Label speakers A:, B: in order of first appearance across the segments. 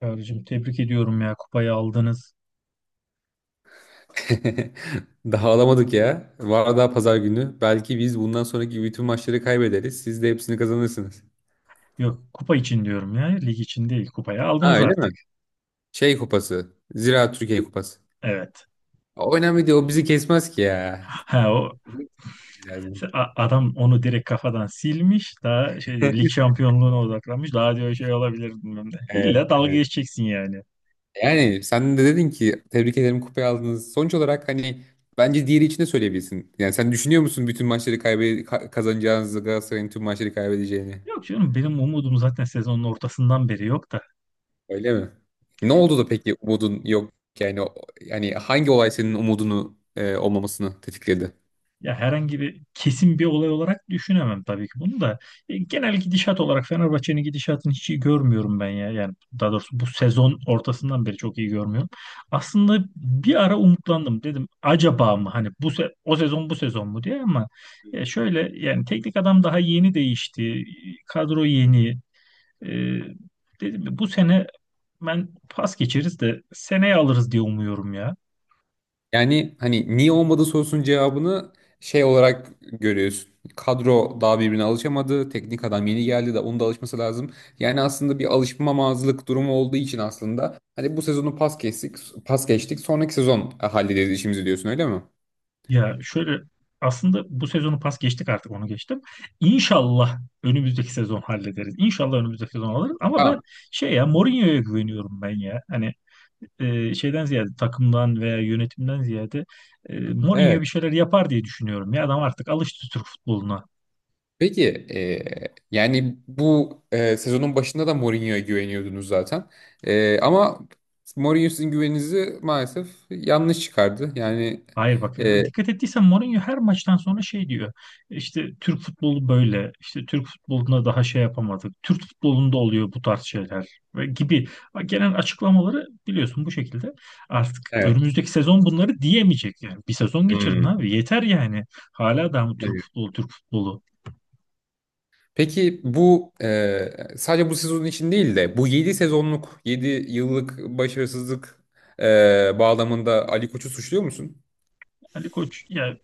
A: Çağrı'cığım tebrik ediyorum ya kupayı aldınız.
B: Daha alamadık ya. Var daha pazar günü. Belki biz bundan sonraki bütün maçları kaybederiz. Siz de hepsini kazanırsınız.
A: Yok kupa için diyorum ya lig için değil kupayı
B: Ha
A: aldınız
B: öyle mi?
A: artık.
B: Şey kupası. Ziraat Türkiye Kupası.
A: Evet.
B: O önemli değil. O bizi kesmez ki ya.
A: Ha o.
B: Bilmek lazım.
A: Adam onu direkt kafadan silmiş. Daha şey diyor, lig şampiyonluğuna odaklanmış. Daha diyor şey olabilir bilmem ne.
B: Evet,
A: İlla dalga
B: evet.
A: geçeceksin yani.
B: Yani sen de dedin ki tebrik ederim, kupayı aldınız. Sonuç olarak hani bence diğeri için de söyleyebilirsin. Yani sen düşünüyor musun bütün maçları kazanacağınızı, Galatasaray'ın tüm maçları kaybedeceğini?
A: Yok canım benim umudum zaten sezonun ortasından beri yok da.
B: Öyle mi? Ne oldu da peki umudun yok? Yani o- yani hangi olay senin umudunu olmamasını tetikledi?
A: Ya herhangi bir kesin bir olay olarak düşünemem tabii ki bunu da. Genel gidişat olarak Fenerbahçe'nin gidişatını hiç iyi görmüyorum ben ya. Yani daha doğrusu bu sezon ortasından beri çok iyi görmüyorum. Aslında bir ara umutlandım dedim acaba mı hani o sezon bu sezon mu diye ama ya şöyle yani teknik adam daha yeni değişti. Kadro yeni. E, dedim bu sene ben pas geçeriz de seneye alırız diye umuyorum ya.
B: Yani hani niye olmadı sorusunun cevabını şey olarak görüyorsun. Kadro daha birbirine alışamadı. Teknik adam yeni geldi de onun da alışması lazım. Yani aslında bir alışmamazlık durumu olduğu için aslında hani bu sezonu pas geçtik, pas geçtik. Sonraki sezon hallederiz işimizi diyorsun, öyle mi?
A: Ya şöyle aslında bu sezonu pas geçtik artık onu geçtim. İnşallah önümüzdeki sezon hallederiz. İnşallah önümüzdeki sezon alırız. Ama ben
B: Tamam.
A: şey ya Mourinho'ya güveniyorum ben ya. Hani şeyden ziyade takımdan veya yönetimden ziyade Mourinho
B: Evet.
A: bir şeyler yapar diye düşünüyorum. Ya adam artık alıştı Türk futboluna.
B: Peki yani bu sezonun başında da Mourinho'ya güveniyordunuz zaten. Ama Mourinho sizin güveninizi maalesef yanlış çıkardı. Yani
A: Hayır bak
B: e,
A: ya dikkat ettiysen Mourinho her maçtan sonra şey diyor. İşte Türk futbolu böyle. İşte Türk futboluna daha şey yapamadık. Türk futbolunda oluyor bu tarz şeyler ve gibi. Bak, genel açıklamaları biliyorsun bu şekilde. Artık
B: evet.
A: önümüzdeki sezon bunları diyemeyecek yani. Bir sezon geçirin
B: Hmm,
A: abi yeter yani. Hala daha mı Türk
B: evet.
A: futbolu Türk futbolu.
B: Peki bu sadece bu sezon için değil de bu 7 yıllık başarısızlık bağlamında Ali Koç'u suçluyor musun?
A: Ali Koç ya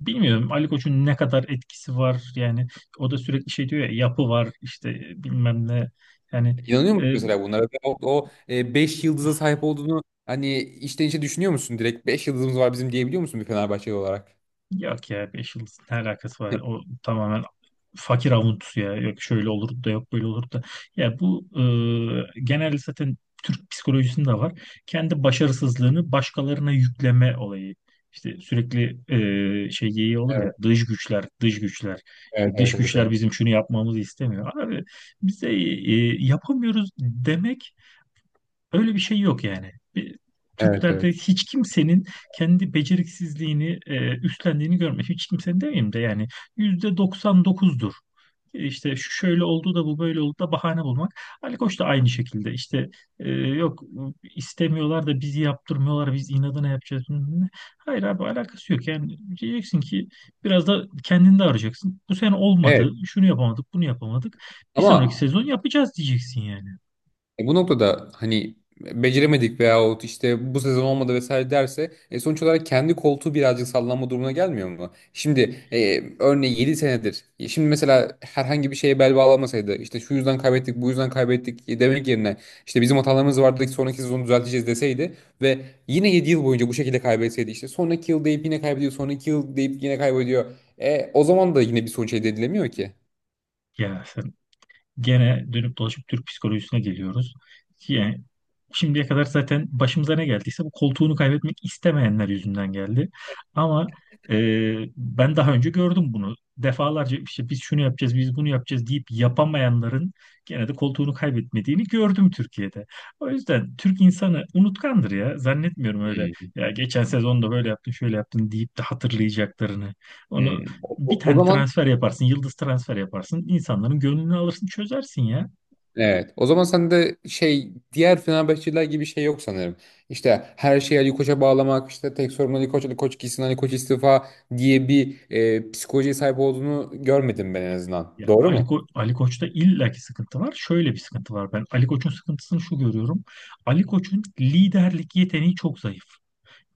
A: bilmiyorum Ali Koç'un ne kadar etkisi var yani o da sürekli şey diyor ya yapı var işte bilmem ne yani.
B: İnanıyor musun
A: e,
B: mesela bunlara? 5 yıldıza sahip olduğunu hani içten içe düşünüyor musun? Direkt 5 yıldızımız var bizim diyebiliyor musun bir Fenerbahçeli olarak?
A: Yok ya 5 yıldızın ne alakası var?
B: Evet,
A: O tamamen fakir avuntusu ya. Yok şöyle olur da yok böyle olur da. Ya bu genelde zaten Türk psikolojisinde de var. Kendi başarısızlığını başkalarına yükleme olayı. İşte sürekli şey yeği olur ya dış güçler, dış güçler.
B: evet,
A: İşte
B: evet,
A: dış
B: evet,
A: güçler
B: evet.
A: bizim şunu yapmamızı istemiyor. Abi bize yapamıyoruz demek öyle bir şey yok yani.
B: Evet,
A: Türklerde
B: evet.
A: hiç kimsenin kendi beceriksizliğini üstlendiğini görmedim. Hiç kimsenin demeyeyim de yani %99'dur. İşte şu şöyle oldu da bu böyle oldu da bahane bulmak. Ali Koç da aynı şekilde işte yok istemiyorlar da bizi yaptırmıyorlar biz inadına yapacağız, bilmem ne. Hayır abi alakası yok yani, diyeceksin ki biraz da kendini de arayacaksın. Bu sene
B: Evet.
A: olmadı şunu yapamadık bunu yapamadık bir sonraki
B: Ama
A: sezon yapacağız diyeceksin yani.
B: bu noktada hani beceremedik veyahut işte bu sezon olmadı vesaire derse sonuç olarak kendi koltuğu birazcık sallanma durumuna gelmiyor mu? Şimdi örneğin 7 senedir. Şimdi mesela herhangi bir şeye bel bağlamasaydı, işte şu yüzden kaybettik, bu yüzden kaybettik demek yerine işte bizim hatalarımız vardı ki sonraki sezonu düzelteceğiz deseydi ve yine 7 yıl boyunca bu şekilde kaybetseydi, işte sonraki yıl deyip yine kaybediyor, sonraki yıl deyip yine kaybediyor. O zaman da yine bir sonuç elde edilemiyor ki.
A: Ya gene dönüp dolaşıp Türk psikolojisine geliyoruz. Yani şimdiye kadar zaten başımıza ne geldiyse bu koltuğunu kaybetmek istemeyenler yüzünden geldi. Ama e, ben daha önce gördüm bunu. Defalarca işte biz şunu yapacağız, biz bunu yapacağız deyip yapamayanların gene de koltuğunu kaybetmediğini gördüm Türkiye'de. O yüzden Türk insanı unutkandır ya. Zannetmiyorum öyle ya geçen sezonda böyle yaptın, şöyle yaptın deyip de hatırlayacaklarını. Onu
B: Hmm. O,
A: bir
B: o- o
A: tane
B: zaman
A: transfer yaparsın, yıldız transfer yaparsın, insanların gönlünü alırsın, çözersin ya.
B: evet. O zaman sen de şey, diğer Fenerbahçeliler gibi şey yok sanırım. İşte her şeyi Ali Koç'a bağlamak, işte tek sorun Ali Koç, Ali Koç gitsin, Ali Koç istifa diye bir psikolojiye sahip olduğunu görmedim, ben en azından.
A: Ya
B: Doğru mu?
A: Ali Koç'ta illaki sıkıntı var. Şöyle bir sıkıntı var ben. Ali Koç'un sıkıntısını şu görüyorum. Ali Koç'un liderlik yeteneği çok zayıf.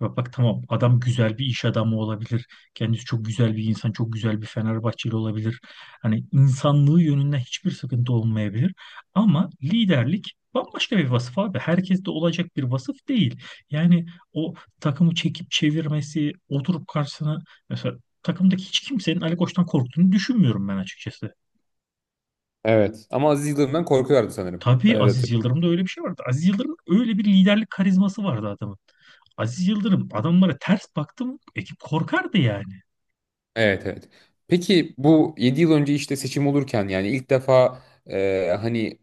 A: Ya bak tamam adam güzel bir iş adamı olabilir. Kendisi çok güzel bir insan, çok güzel bir Fenerbahçeli olabilir. Hani insanlığı yönünden hiçbir sıkıntı olmayabilir. Ama liderlik bambaşka bir vasıf abi. Herkes de olacak bir vasıf değil. Yani o takımı çekip çevirmesi, oturup karşısına mesela takımdaki hiç kimsenin Ali Koç'tan korktuğunu düşünmüyorum ben açıkçası.
B: Evet. Ama Aziz Yıldırım'dan korkuyorlardı sanırım. Ben
A: Tabii
B: öyle
A: Aziz
B: hatırlıyorum.
A: Yıldırım'da öyle bir şey vardı. Aziz Yıldırım'ın öyle bir liderlik karizması vardı adamın. Aziz Yıldırım adamlara ters baktım ekip korkardı yani.
B: Evet, evet. Peki bu 7 yıl önce işte seçim olurken, yani ilk defa hani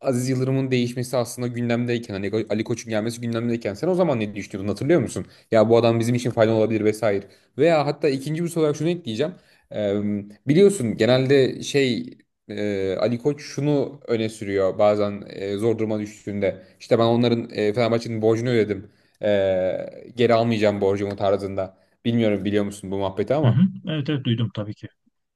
B: Aziz Yıldırım'ın değişmesi aslında gündemdeyken, hani Ali Koç'un gelmesi gündemdeyken, sen o zaman ne düşünüyordun, hatırlıyor musun? Ya bu adam bizim için faydalı olabilir vesaire. Veya hatta ikinci bir soru olarak şunu ekleyeceğim. E, Biliyorsun genelde şey, Ali Koç şunu öne sürüyor bazen, zor duruma düştüğünde. İşte ben Fenerbahçe'nin borcunu ödedim. E, Geri almayacağım borcumu, tarzında. Bilmiyorum, biliyor musun bu muhabbeti
A: Hı hı.
B: ama.
A: Evet evet duydum tabii ki.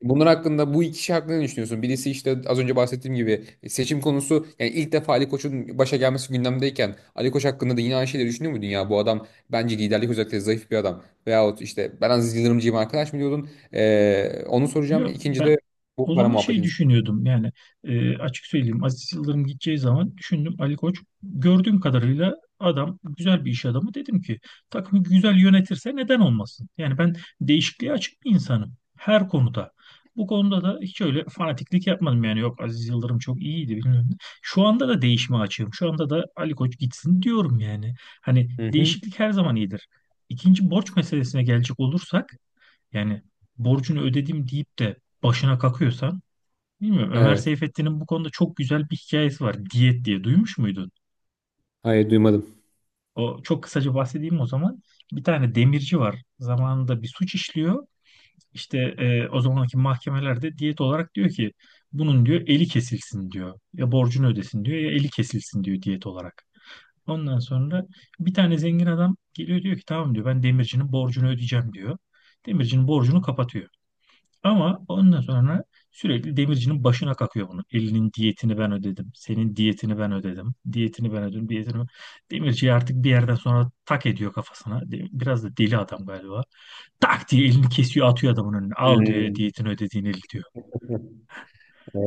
B: Bunlar hakkında Bu iki şey hakkında ne düşünüyorsun? Birisi işte az önce bahsettiğim gibi seçim konusu, yani ilk defa Ali Koç'un başa gelmesi gündemdeyken Ali Koç hakkında da yine aynı şeyleri düşünüyor muydun ya? Bu adam bence liderlik özellikle zayıf bir adam. Veyahut işte, ben Aziz Yıldırımcıyım arkadaş, mı diyordun? Onu soracağım.
A: Yok
B: İkinci
A: ben
B: de bu
A: o
B: para
A: zaman şey
B: muhabbetini
A: düşünüyordum yani, açık söyleyeyim Aziz Yıldırım gideceği zaman düşündüm Ali Koç gördüğüm kadarıyla adam güzel bir iş adamı, dedim ki takımı güzel yönetirse neden olmasın? Yani ben değişikliğe açık bir insanım her konuda. Bu konuda da hiç öyle fanatiklik yapmadım yani, yok Aziz Yıldırım çok iyiydi bilmem ne. Şu anda da değişime açığım. Şu anda da Ali Koç gitsin diyorum yani. Hani
B: soracağım. Hı hı.
A: değişiklik her zaman iyidir. İkinci borç meselesine gelecek olursak yani borcunu ödedim deyip de başına kakıyorsan bilmiyorum. Ömer
B: Evet.
A: Seyfettin'in bu konuda çok güzel bir hikayesi var. Diyet diye duymuş muydun?
B: Hayır, duymadım.
A: O çok kısaca bahsedeyim o zaman. Bir tane demirci var. Zamanında bir suç işliyor. İşte o zamanki mahkemelerde diyet olarak diyor ki bunun diyor eli kesilsin diyor. Ya borcunu ödesin diyor ya eli kesilsin diyor diyet olarak. Ondan sonra bir tane zengin adam geliyor diyor ki tamam diyor ben demircinin borcunu ödeyeceğim diyor. Demircinin borcunu kapatıyor. Ama ondan sonra sürekli demircinin başına kakıyor bunu. Elinin diyetini ben ödedim. Senin diyetini ben ödedim. Diyetini ben ödedim. Diyetini ben... Demirci artık bir yerden sonra tak ediyor kafasına. Biraz da deli adam galiba. Tak diye elini kesiyor atıyor adamın önüne. Al diyor
B: Hmm.
A: diyetini ödediğin eli diyor.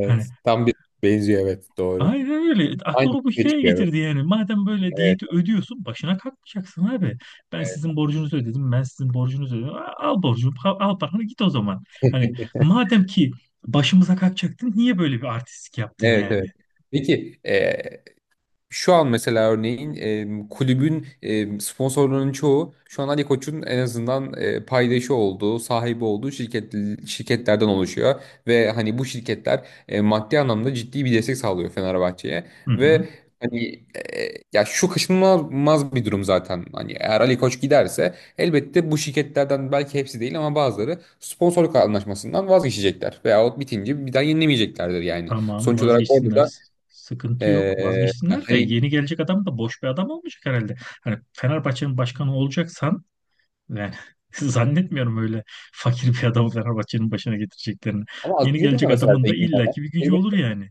A: Hani
B: Tam bir benziyor, evet, doğru.
A: aynen öyle.
B: Aynı
A: Aklıma bu
B: şey
A: hikaye
B: çıkıyor, evet.
A: getirdi yani. Madem böyle
B: Evet.
A: diyeti ödüyorsun, başına kalkmayacaksın abi. Ben sizin borcunuzu ödedim, ben sizin borcunuzu ödedim. Al borcunu, al paranı git o zaman. Hani
B: Evet.
A: madem ki başımıza kalkacaktın, niye böyle bir artistlik yaptın
B: Evet, evet.
A: yani?
B: Peki şu an mesela örneğin kulübün sponsorlarının çoğu şu an Ali Koç'un en azından paydaşı olduğu, sahibi olduğu şirketlerden oluşuyor ve hani bu şirketler maddi anlamda ciddi bir destek sağlıyor Fenerbahçe'ye
A: Hı hı.
B: ve hani ya şu kaçınılmaz bir durum zaten. Hani eğer Ali Koç giderse elbette bu şirketlerden belki hepsi değil ama bazıları sponsorluk anlaşmasından vazgeçecekler veyahut bitince bir daha yenilemeyeceklerdir yani.
A: Tamam,
B: Sonuç olarak orada
A: vazgeçsinler.
B: da
A: Sıkıntı yok.
B: ee,
A: Vazgeçsinler de
B: hani.
A: yeni gelecek adam da boş bir adam olmayacak herhalde. Hani Fenerbahçe'nin başkanı olacaksan yani zannetmiyorum öyle fakir bir adamı Fenerbahçe'nin başına getireceklerini.
B: Ama Aziz
A: Yeni
B: Yıldırım da
A: gelecek
B: mesela
A: adamın da
B: zengin bir adam.
A: illaki bir gücü olur
B: Elbette
A: yani.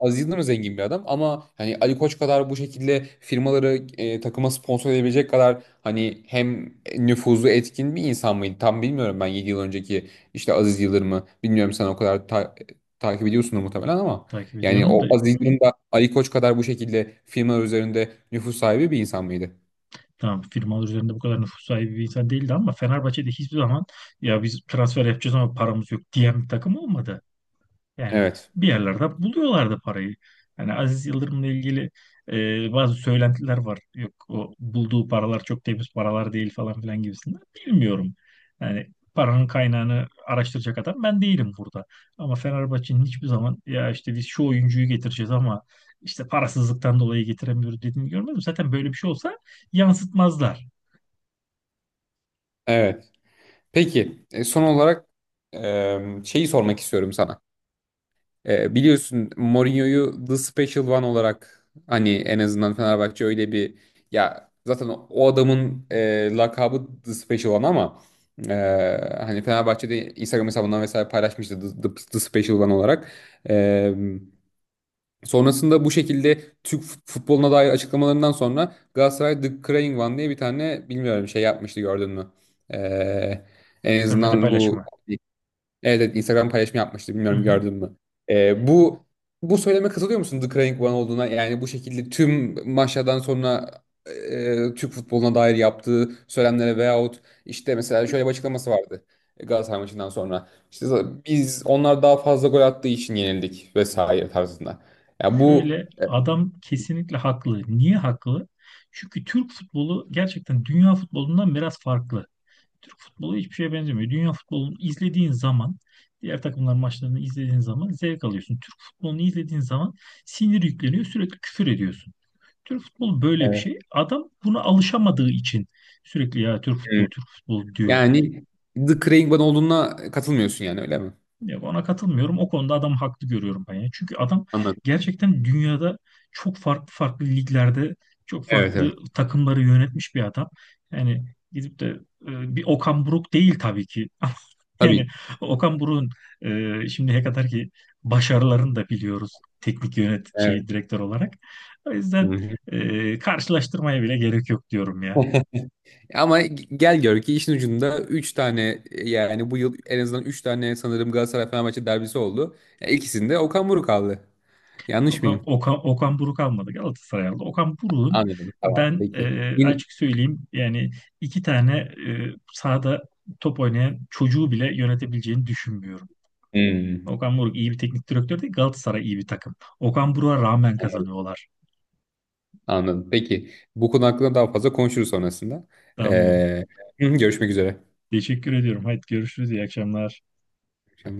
B: Aziz Yıldırım da zengin bir adam, ama hani Ali Koç kadar bu şekilde firmaları takıma sponsor edebilecek kadar, hani hem nüfuzu etkin bir insan mıydı? Tam bilmiyorum, ben 7 yıl önceki işte Aziz Yıldırım'ı bilmiyorum, sen o kadar takip ediyorsun muhtemelen ama,
A: Takip
B: yani
A: ediyorum da
B: o Aziz Yıldırım da Ali Koç kadar bu şekilde firmalar üzerinde nüfus sahibi bir insan mıydı?
A: tamam, firmalar üzerinde bu kadar nüfus sahibi bir insan değildi ama Fenerbahçe'de hiçbir zaman ya biz transfer yapacağız ama paramız yok diyen bir takım olmadı. Yani
B: Evet.
A: bir yerlerde buluyorlardı parayı. Yani Aziz Yıldırım'la ilgili bazı söylentiler var. Yok o bulduğu paralar çok temiz paralar değil falan filan gibisinden. Bilmiyorum. Yani paranın kaynağını araştıracak adam ben değilim burada. Ama Fenerbahçe'nin hiçbir zaman ya işte biz şu oyuncuyu getireceğiz ama işte parasızlıktan dolayı getiremiyoruz dediğini görmedim. Zaten böyle bir şey olsa yansıtmazlar.
B: Evet. Peki son olarak şeyi sormak istiyorum sana. Biliyorsun, Mourinho'yu The Special One olarak, hani en azından Fenerbahçe öyle bir, ya zaten o adamın lakabı The Special One ama, e, hani Fenerbahçe'de Instagram hesabından vesaire paylaşmıştı The Special One olarak. E, Sonrasında bu şekilde Türk futboluna dair açıklamalarından sonra Galatasaray The Crying One diye bir tane bilmiyorum şey yapmıştı, gördün mü? E, En
A: Görmede
B: azından bu.
A: paylaşımı.
B: Evet, evet, Instagram paylaşımı yapmıştı.
A: Hı
B: Bilmiyorum,
A: hı.
B: gördün mü? Ee, bu bu söyleme katılıyor musun, The Crying One olduğuna? Yani bu şekilde tüm maçlardan sonra Türk futboluna dair yaptığı söylemlere veyahut işte mesela şöyle bir açıklaması vardı Galatasaray maçından sonra. İşte biz onlar daha fazla gol attığı için yenildik vesaire tarzında. Ya bu.
A: Şöyle adam kesinlikle haklı. Niye haklı? Çünkü Türk futbolu gerçekten dünya futbolundan biraz farklı. Türk futbolu hiçbir şeye benzemiyor. Dünya futbolunu izlediğin zaman, diğer takımların maçlarını izlediğin zaman zevk alıyorsun. Türk futbolunu izlediğin zaman sinir yükleniyor, sürekli küfür ediyorsun. Türk futbolu böyle bir
B: Evet.
A: şey. Adam buna alışamadığı için sürekli ya Türk
B: Hı.
A: futbolu, Türk futbolu diyor.
B: Yani The Crying One olduğuna katılmıyorsun yani, öyle mi?
A: Yok ona katılmıyorum. O konuda adamı haklı görüyorum ben ya. Çünkü adam
B: Anladım.
A: gerçekten dünyada çok farklı farklı liglerde çok
B: Evet,
A: farklı
B: evet.
A: takımları yönetmiş bir adam. Yani gidip de bir Okan Buruk değil tabii ki. Ama yani
B: Tabii.
A: Okan Buruk'un şimdiye kadar ki başarılarını da biliyoruz teknik yönet
B: Evet.
A: şey direktör olarak. O yüzden
B: Hı
A: karşılaştırmaya bile gerek yok diyorum
B: hı.
A: ya.
B: Ama gel gör ki işin ucunda 3 tane, yani bu yıl en azından 3 tane sanırım Galatasaray Fenerbahçe derbisi oldu. Ya, İkisinde Okan Buruk aldı. Yanlış
A: Okan,
B: mıyım?
A: Okan, Okan Buruk almadı Galatasaray aldı. Okan Buruk'un
B: Anladım. Tamam.
A: ben
B: Peki. Yine...
A: açık söyleyeyim yani iki tane sahada top oynayan çocuğu bile yönetebileceğini düşünmüyorum.
B: Hmm,
A: Okan Buruk iyi bir teknik direktör değil, Galatasaray iyi bir takım. Okan Buruk'a rağmen kazanıyorlar.
B: anladım. Peki. Bu konu hakkında daha fazla konuşuruz sonrasında.
A: Tamam.
B: Ee, Görüşmek üzere.
A: Teşekkür ediyorum. Haydi görüşürüz. İyi akşamlar.